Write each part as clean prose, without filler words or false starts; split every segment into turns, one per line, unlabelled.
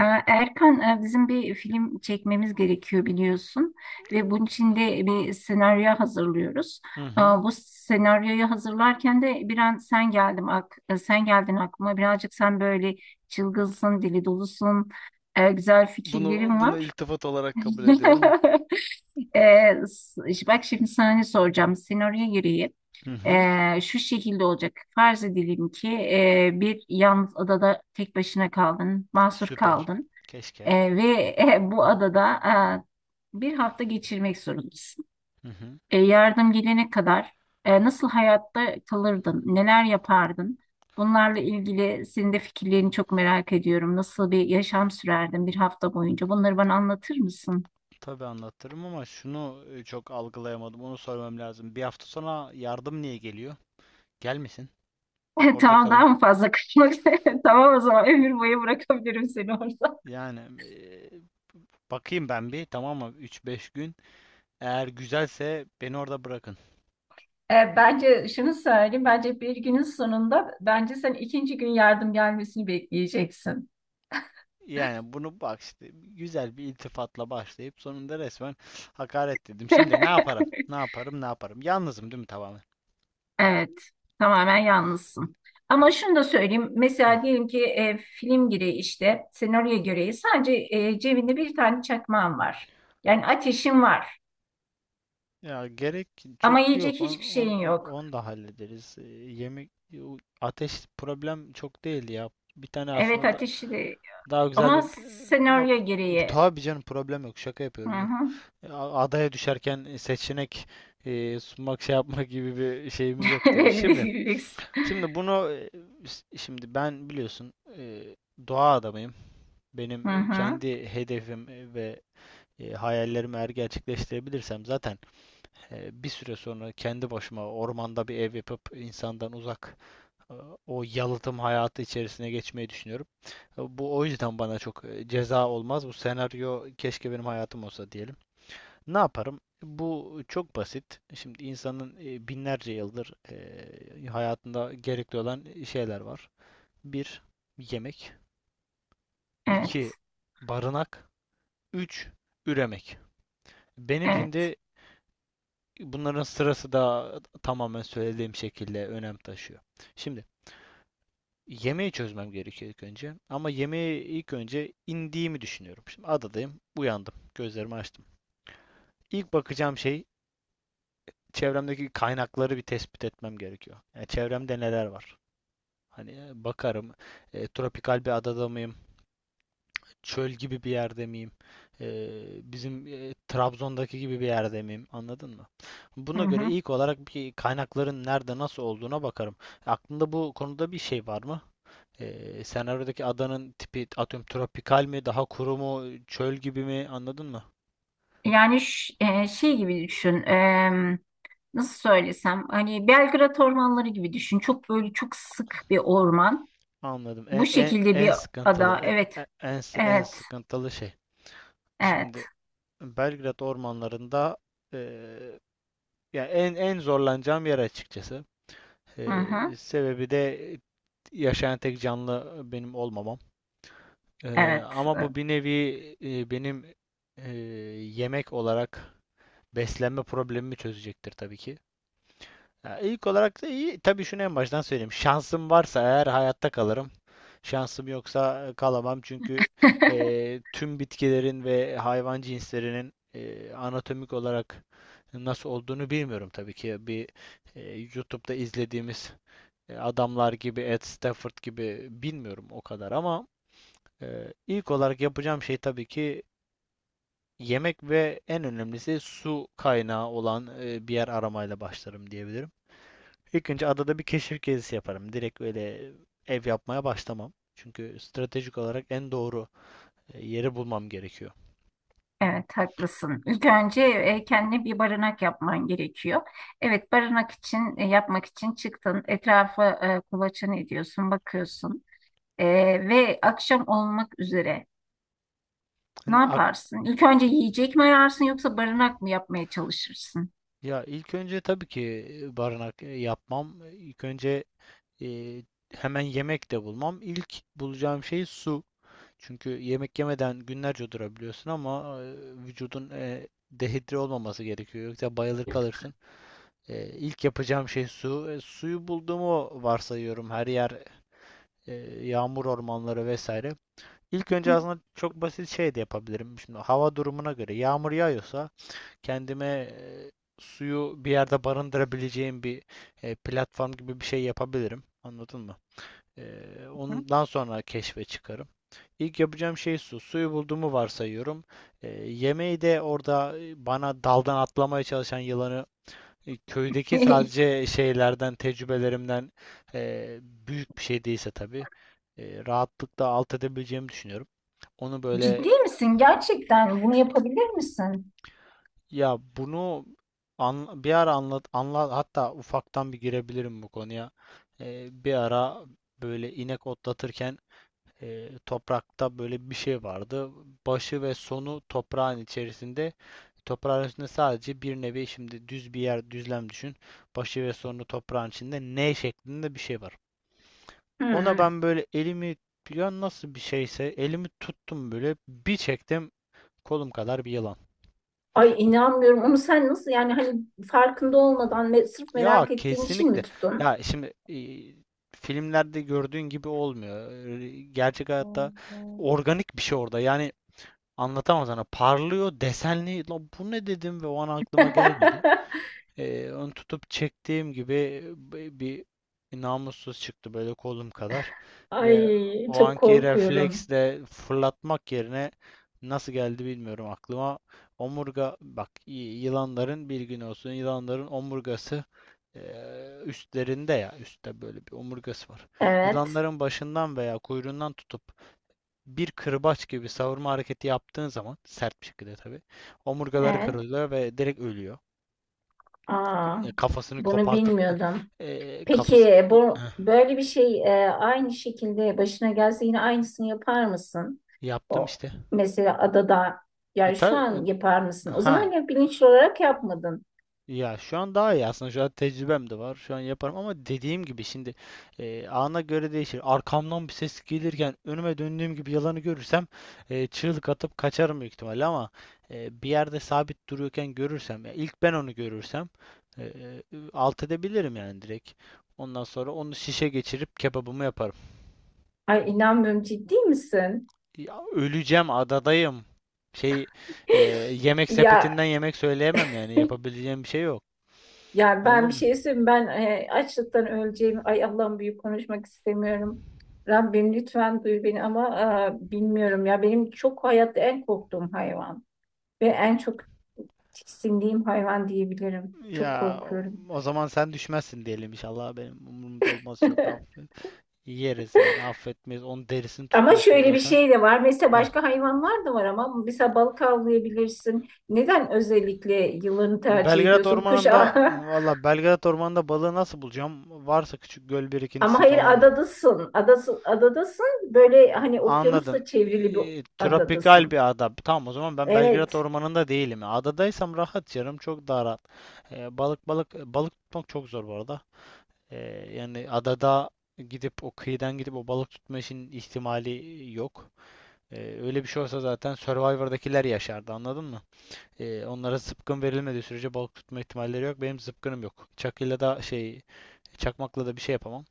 Erkan, bizim bir film çekmemiz gerekiyor biliyorsun ve bunun için de bir senaryo hazırlıyoruz.
Hı hı.
Bu senaryoyu hazırlarken de bir an sen geldim ak e, sen geldin aklıma. Birazcık sen böyle çılgınsın, dili dolusun, güzel
Bunu
fikirlerin
bunu
var.
iltifat olarak kabul ediyorum.
Bak şimdi sana ne soracağım. Senaryo gereği
Hı hı.
şu şekilde olacak. Farz edelim ki bir yalnız adada tek başına kaldın, mahsur
Süper.
kaldın.
Keşke.
Ve bu adada bir hafta geçirmek zorundasın.
Hı hı.
Yardım gelene kadar nasıl hayatta kalırdın, neler yapardın? Bunlarla ilgili senin de fikirlerini çok merak ediyorum. Nasıl bir yaşam sürerdin bir hafta boyunca? Bunları bana anlatır mısın?
Tabii anlatırım ama şunu çok algılayamadım. Onu sormam lazım. Bir hafta sonra yardım niye geliyor? Gelmesin. Orada
Tamam,
kalayım.
daha mı fazla kaçmak? Tamam, o zaman ömür boyu bırakabilirim seni orada.
Yani, bakayım ben bir, tamam mı? Üç beş gün. Eğer güzelse beni orada bırakın.
Bence şunu söyleyeyim, bence bir günün sonunda bence sen ikinci gün yardım gelmesini bekleyeceksin.
Yani bunu bak işte güzel bir iltifatla başlayıp sonunda resmen hakaret dedim. Şimdi ne yaparım? Ne yaparım? Ne yaparım? Yalnızım değil mi tamamen?
Evet, tamamen yalnızsın. Ama şunu da söyleyeyim. Mesela diyelim ki film gereği işte senaryo gereği sadece cebinde bir tane çakmağın var. Yani ateşin var
Ya gerek çok
ama yiyecek
yok. On,
hiçbir
on,
şeyin
on
yok.
onu da hallederiz. Yemek o ateş problem çok değil ya. Bir tane
Evet,
aslında da
ateşi de-
daha güzel bir
ama
yok,
senaryo gereği.
tabii canım problem yok. Şaka
Hı
yapıyorum canım.
hı.
Adaya düşerken seçenek sunmak şey yapmak gibi bir şeyimiz yok tabii.
Böyle
Şimdi
bir lüks.
şimdi bunu şimdi ben biliyorsun doğa adamıyım. Benim
Hı hı.
kendi hedefim ve hayallerimi eğer gerçekleştirebilirsem zaten bir süre sonra kendi başıma ormanda bir ev yapıp insandan uzak e, o yalıtım hayatı içerisine geçmeyi düşünüyorum. Bu o yüzden bana çok ceza olmaz. Bu senaryo keşke benim hayatım olsa diyelim. Ne yaparım? Bu çok basit. Şimdi insanın binlerce yıldır hayatında gerekli olan şeyler var. Bir, yemek. İki
Evet.
barınak. Üç, üremek. Benim
Evet.
şimdi bunların sırası da tamamen söylediğim şekilde önem taşıyor. Şimdi yemeği çözmem gerekiyor ilk önce. Ama yemeği ilk önce indiğimi düşünüyorum. Şimdi adadayım, uyandım, gözlerimi açtım. İlk bakacağım şey çevremdeki kaynakları bir tespit etmem gerekiyor. Yani çevremde neler var? Hani bakarım, tropikal bir adada mıyım? Çöl gibi bir yerde miyim? Ee, bizim Trabzon'daki gibi bir yerde miyim? Anladın mı?
Hı
Buna göre
hı.
ilk olarak bir kaynakların nerede nasıl olduğuna bakarım. Aklında bu konuda bir şey var mı? Senaryodaki adanın tipi atıyorum tropikal mi, daha kuru mu, çöl gibi mi? Anladın mı?
Yani şey gibi düşün. Nasıl söylesem, hani Belgrad ormanları gibi düşün. Çok böyle çok sık bir orman.
Anladım.
Bu
En, en,
şekilde
en
bir ada.
sıkıntılı
Evet.
en
Evet.
sıkıntılı şey.
Evet.
Şimdi Belgrad ormanlarında eee ya en zorlanacağım yer açıkçası.
Hı hı.
Sebebi de yaşayan tek canlı benim olmamam. Ee,
Evet.
ama bu bir nevi benim e, yemek olarak beslenme problemimi çözecektir tabii ki. Ya ilk olarak da iyi. Tabii şunu en baştan söyleyeyim. Şansım varsa eğer hayatta kalırım. Şansım yoksa kalamam çünkü tüm bitkilerin ve hayvan cinslerinin anatomik olarak nasıl olduğunu bilmiyorum tabii ki. Bir e, YouTube'da izlediğimiz adamlar gibi, Ed Stafford gibi bilmiyorum o kadar ama ilk olarak yapacağım şey tabii ki yemek ve en önemlisi su kaynağı olan bir yer aramayla başlarım diyebilirim. İlk önce adada bir keşif gezisi yaparım. Direkt öyle ev yapmaya başlamam. Çünkü stratejik olarak en doğru yeri bulmam gerekiyor.
Evet, haklısın. İlk önce kendine bir barınak yapman gerekiyor. Evet, barınak için yapmak için çıktın. Etrafa kulaçan ediyorsun, bakıyorsun. E, ve akşam olmak üzere ne
Hani
yaparsın? İlk önce yiyecek mi ararsın yoksa barınak mı yapmaya çalışırsın?
ya ilk önce tabii ki barınak yapmam. İlk önce e, hemen yemek de bulmam. İlk bulacağım şey su. Çünkü yemek yemeden günlerce durabiliyorsun ama vücudun dehidre olmaması gerekiyor. Yoksa bayılır kalırsın. E, ilk yapacağım şey su. Suyu bulduğumu varsayıyorum. Her yer e, yağmur ormanları vesaire. İlk önce aslında çok basit şey de yapabilirim. Şimdi hava durumuna göre yağmur yağıyorsa kendime suyu bir yerde barındırabileceğim bir platform gibi bir şey yapabilirim. Anladın mı? Ondan sonra keşfe çıkarım. İlk yapacağım şey su. Suyu bulduğumu varsayıyorum. Yemeği de orada bana daldan atlamaya çalışan yılanı köydeki sadece şeylerden, tecrübelerimden büyük bir şey değilse tabii rahatlıkla alt edebileceğimi düşünüyorum. Onu
Ciddi
böyle
misin? Gerçekten bunu yapabilir misin?
ya bunu bir ara anlat, anlat hatta ufaktan bir girebilirim bu konuya. Bir ara böyle inek otlatırken toprakta böyle bir şey vardı. Başı ve sonu toprağın içerisinde. Toprağın içinde sadece bir nevi şimdi düz bir yer düzlem düşün. Başı ve sonu toprağın içinde N şeklinde bir şey var. Ona
Hı.
ben böyle elimi ya nasıl bir şeyse elimi tuttum böyle bir çektim kolum kadar bir yılan.
Ay inanmıyorum. Onu sen nasıl, yani hani farkında olmadan ve sırf
Ya
merak ettiğin için mi
kesinlikle.
tuttun?
Ya şimdi filmlerde gördüğün gibi olmuyor. Gerçek hayatta organik bir şey orada. Yani, anlatamam sana. Parlıyor, desenli. La bu ne dedim ve o an aklıma gelmedi. Onu tutup çektiğim gibi bir namussuz çıktı böyle kolum kadar. Ve
Ay
o
çok
anki
korkuyorum.
refleksle fırlatmak yerine nasıl geldi bilmiyorum aklıma. Omurga bak yılanların bir gün olsun yılanların omurgası üstlerinde ya üstte böyle bir omurgası var.
Evet,
Yılanların başından veya kuyruğundan tutup bir kırbaç gibi savurma hareketi yaptığın zaman sert bir şekilde tabii omurgaları
evet.
kırılıyor ve direkt ölüyor.
Aa,
Kafasını
bunu
kopartıp
bilmiyordum.
kafası
Peki bu böyle bir şey aynı şekilde başına gelse yine aynısını yapar mısın?
yaptım
O
işte.
mesela adada,
E,
yani şu
ta- e,
an yapar mısın? O zaman
ha
ya bilinçli olarak yapmadın.
Ya şu an daha iyi aslında. Şu an tecrübem de var. Şu an yaparım ama dediğim gibi şimdi ana göre değişir. Arkamdan bir ses gelirken önüme döndüğüm gibi yalanı görürsem çığlık atıp kaçarım büyük ihtimalle ama bir yerde sabit duruyorken görürsem ya ilk ben onu görürsem e, e, alt edebilirim yani direkt. Ondan sonra onu şişe geçirip kebabımı yaparım.
Ay inanmıyorum, ciddi misin?
Ya, öleceğim adadayım. Şey e, Yemek sepetinden
Ya,
yemek söyleyemem yani yapabileceğim bir şey yok.
yani ben
Anladın
bir
mı?
şey söyleyeyim. Ben açlıktan öleceğim. Ay Allah'ım, büyük konuşmak istemiyorum. Rabbim lütfen duy beni, ama bilmiyorum ya. Benim çok hayatta en korktuğum hayvan ve en çok tiksindiğim hayvan diyebilirim. Çok
Ya
korkuyorum.
o zaman sen düşmezsin diyelim inşallah. Benim umurumda olmaz çok affet. Yeriz yani affetmeyiz. Onun derisini
Ama
tutuyorsun
şöyle bir
zaten.
şey de var. Mesela
Heh.
başka hayvanlar da var ama mesela balık avlayabilirsin. Neden özellikle yılanı tercih
Belgrad
ediyorsun? Kuş
Ormanı'nda valla Belgrad Ormanı'nda balığı nasıl bulacağım? Varsa küçük göl
ama
birikintisi
hayır,
falan.
adadasın. Adası, adadasın. Böyle hani
Anladım.
okyanusla çevrili bir
Tropikal
adadasın.
bir ada. Tamam o zaman ben Belgrad
Evet.
Ormanı'nda değilim. Adadaysam rahat canım çok daha rahat. Balık tutmak çok zor bu arada. Ee, yani adada gidip o kıyıdan gidip o balık tutma işinin ihtimali yok. Ee, öyle bir şey olsa zaten Survivor'dakiler yaşardı anladın mı? Onlara zıpkın verilmediği sürece balık tutma ihtimalleri yok. Benim zıpkınım yok. Çakıyla da çakmakla da bir şey yapamam.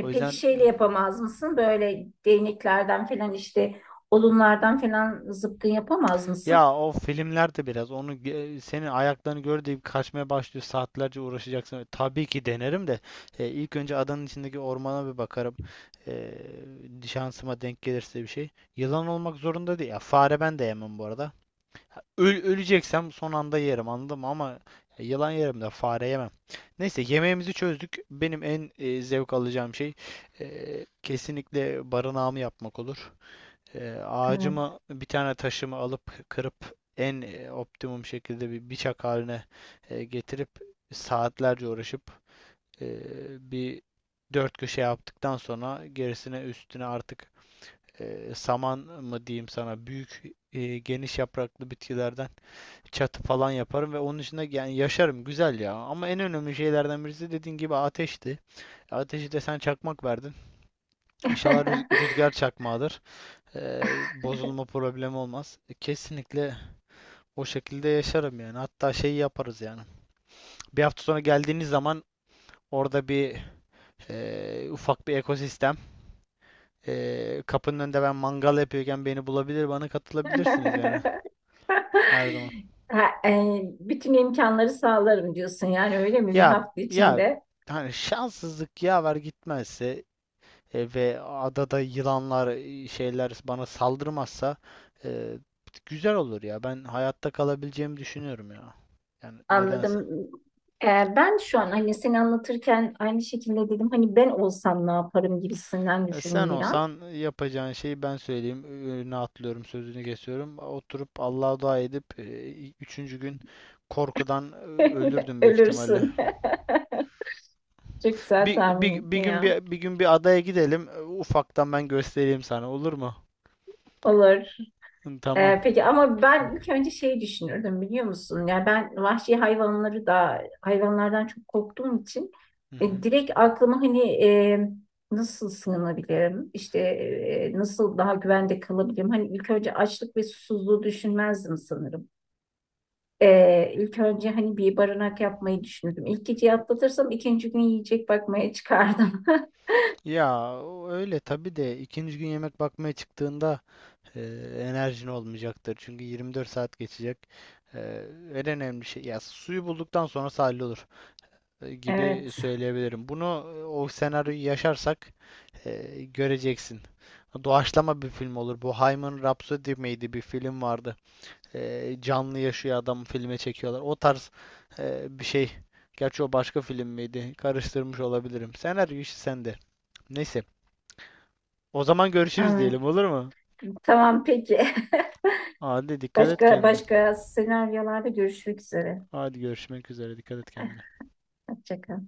O
peki
yüzden
şeyle yapamaz mısın? Böyle değneklerden falan, işte odunlardan falan zıpkın yapamaz mısın?
ya o filmlerde biraz onu senin ayaklarını gör deyip kaçmaya başlıyor saatlerce uğraşacaksın. Tabii ki denerim de ilk önce adanın içindeki ormana bir bakarım. Ee, şansıma denk gelirse bir şey. Yılan olmak zorunda değil. Ya, fare ben de yemem bu arada. Öleceksem son anda yerim anladın mı? Ama yılan yerim de fare yemem. Neyse yemeğimizi çözdük. Benim en zevk alacağım şey kesinlikle barınağımı yapmak olur. Ağacımı
Evet.
bir tane taşımı alıp kırıp en optimum şekilde bir bıçak haline getirip saatlerce uğraşıp e, bir dört köşe yaptıktan sonra gerisine üstüne artık saman mı diyeyim sana büyük geniş yapraklı bitkilerden çatı falan yaparım ve onun içinde yani yaşarım güzel ya. Ama en önemli şeylerden birisi dediğin gibi ateşti. Ateşi de sen çakmak verdin. İnşallah rüzgar çakmağıdır. Bozulma problemi olmaz. Kesinlikle o şekilde yaşarım yani. Hatta şeyi yaparız yani. Bir hafta sonra geldiğiniz zaman orada bir ufak bir ekosistem. Kapının önünde ben mangal yapıyorken beni bulabilir, bana katılabilirsiniz yani her zaman.
Ha, bütün imkanları sağlarım diyorsun yani, öyle mi, bir
Ya
hafta
ya
içinde?
hani şanssızlık yaver gitmezse ve adada yılanlar şeyler bana saldırmazsa e, güzel olur ya. Ben hayatta kalabileceğimi düşünüyorum ya. Yani nedense.
Anladım. E, ben şu an hani seni anlatırken aynı şekilde dedim, hani ben olsam ne yaparım gibisinden
Sen
düşündüm bir an.
olsan yapacağın şeyi ben söyleyeyim. Önüne atlıyorum, sözünü kesiyorum. Oturup Allah'a dua edip üçüncü gün korkudan ölürdüm büyük ihtimalle.
Ölürsün. Çok güzel
Bir,
tahmin
bir, bir
ettin
gün
ya.
bir, bir gün bir adaya gidelim. Ufaktan ben göstereyim sana olur mu?
Olur.
Hı, Tamam.
Peki ama ben ilk önce şey düşünürdüm, biliyor musun? Yani ben vahşi hayvanları da, hayvanlardan çok korktuğum için
Hı hı.
direkt aklıma hani e, nasıl sığınabilirim? İşte nasıl daha güvende kalabilirim? Hani ilk önce açlık ve susuzluğu düşünmezdim sanırım. İlk önce hani bir barınak yapmayı düşündüm. İlk geceyi atlatırsam ikinci gün yiyecek bakmaya çıkardım.
Ya o öyle tabii de ikinci gün yemek bakmaya çıktığında e, enerjin olmayacaktır. Çünkü 24 saat geçecek. E, en önemli şey ya suyu bulduktan sonra sahil olur gibi
Evet.
söyleyebilirim. Bunu o senaryoyu yaşarsak göreceksin. Doğaçlama bir film olur. Bu Hayman Rhapsody miydi bir film vardı. Canlı yaşıyor adam filme çekiyorlar. O tarz bir şey. Gerçi o başka film miydi? Karıştırmış olabilirim. Senaryo işi sende. Neyse. O zaman görüşürüz
Ama-
diyelim olur mu?
Tamam, peki.
Hadi dikkat et
Başka
kendine.
başka senaryolarda görüşmek üzere.
Hadi görüşmek üzere dikkat et
Eh,
kendine.
Hoşça kal.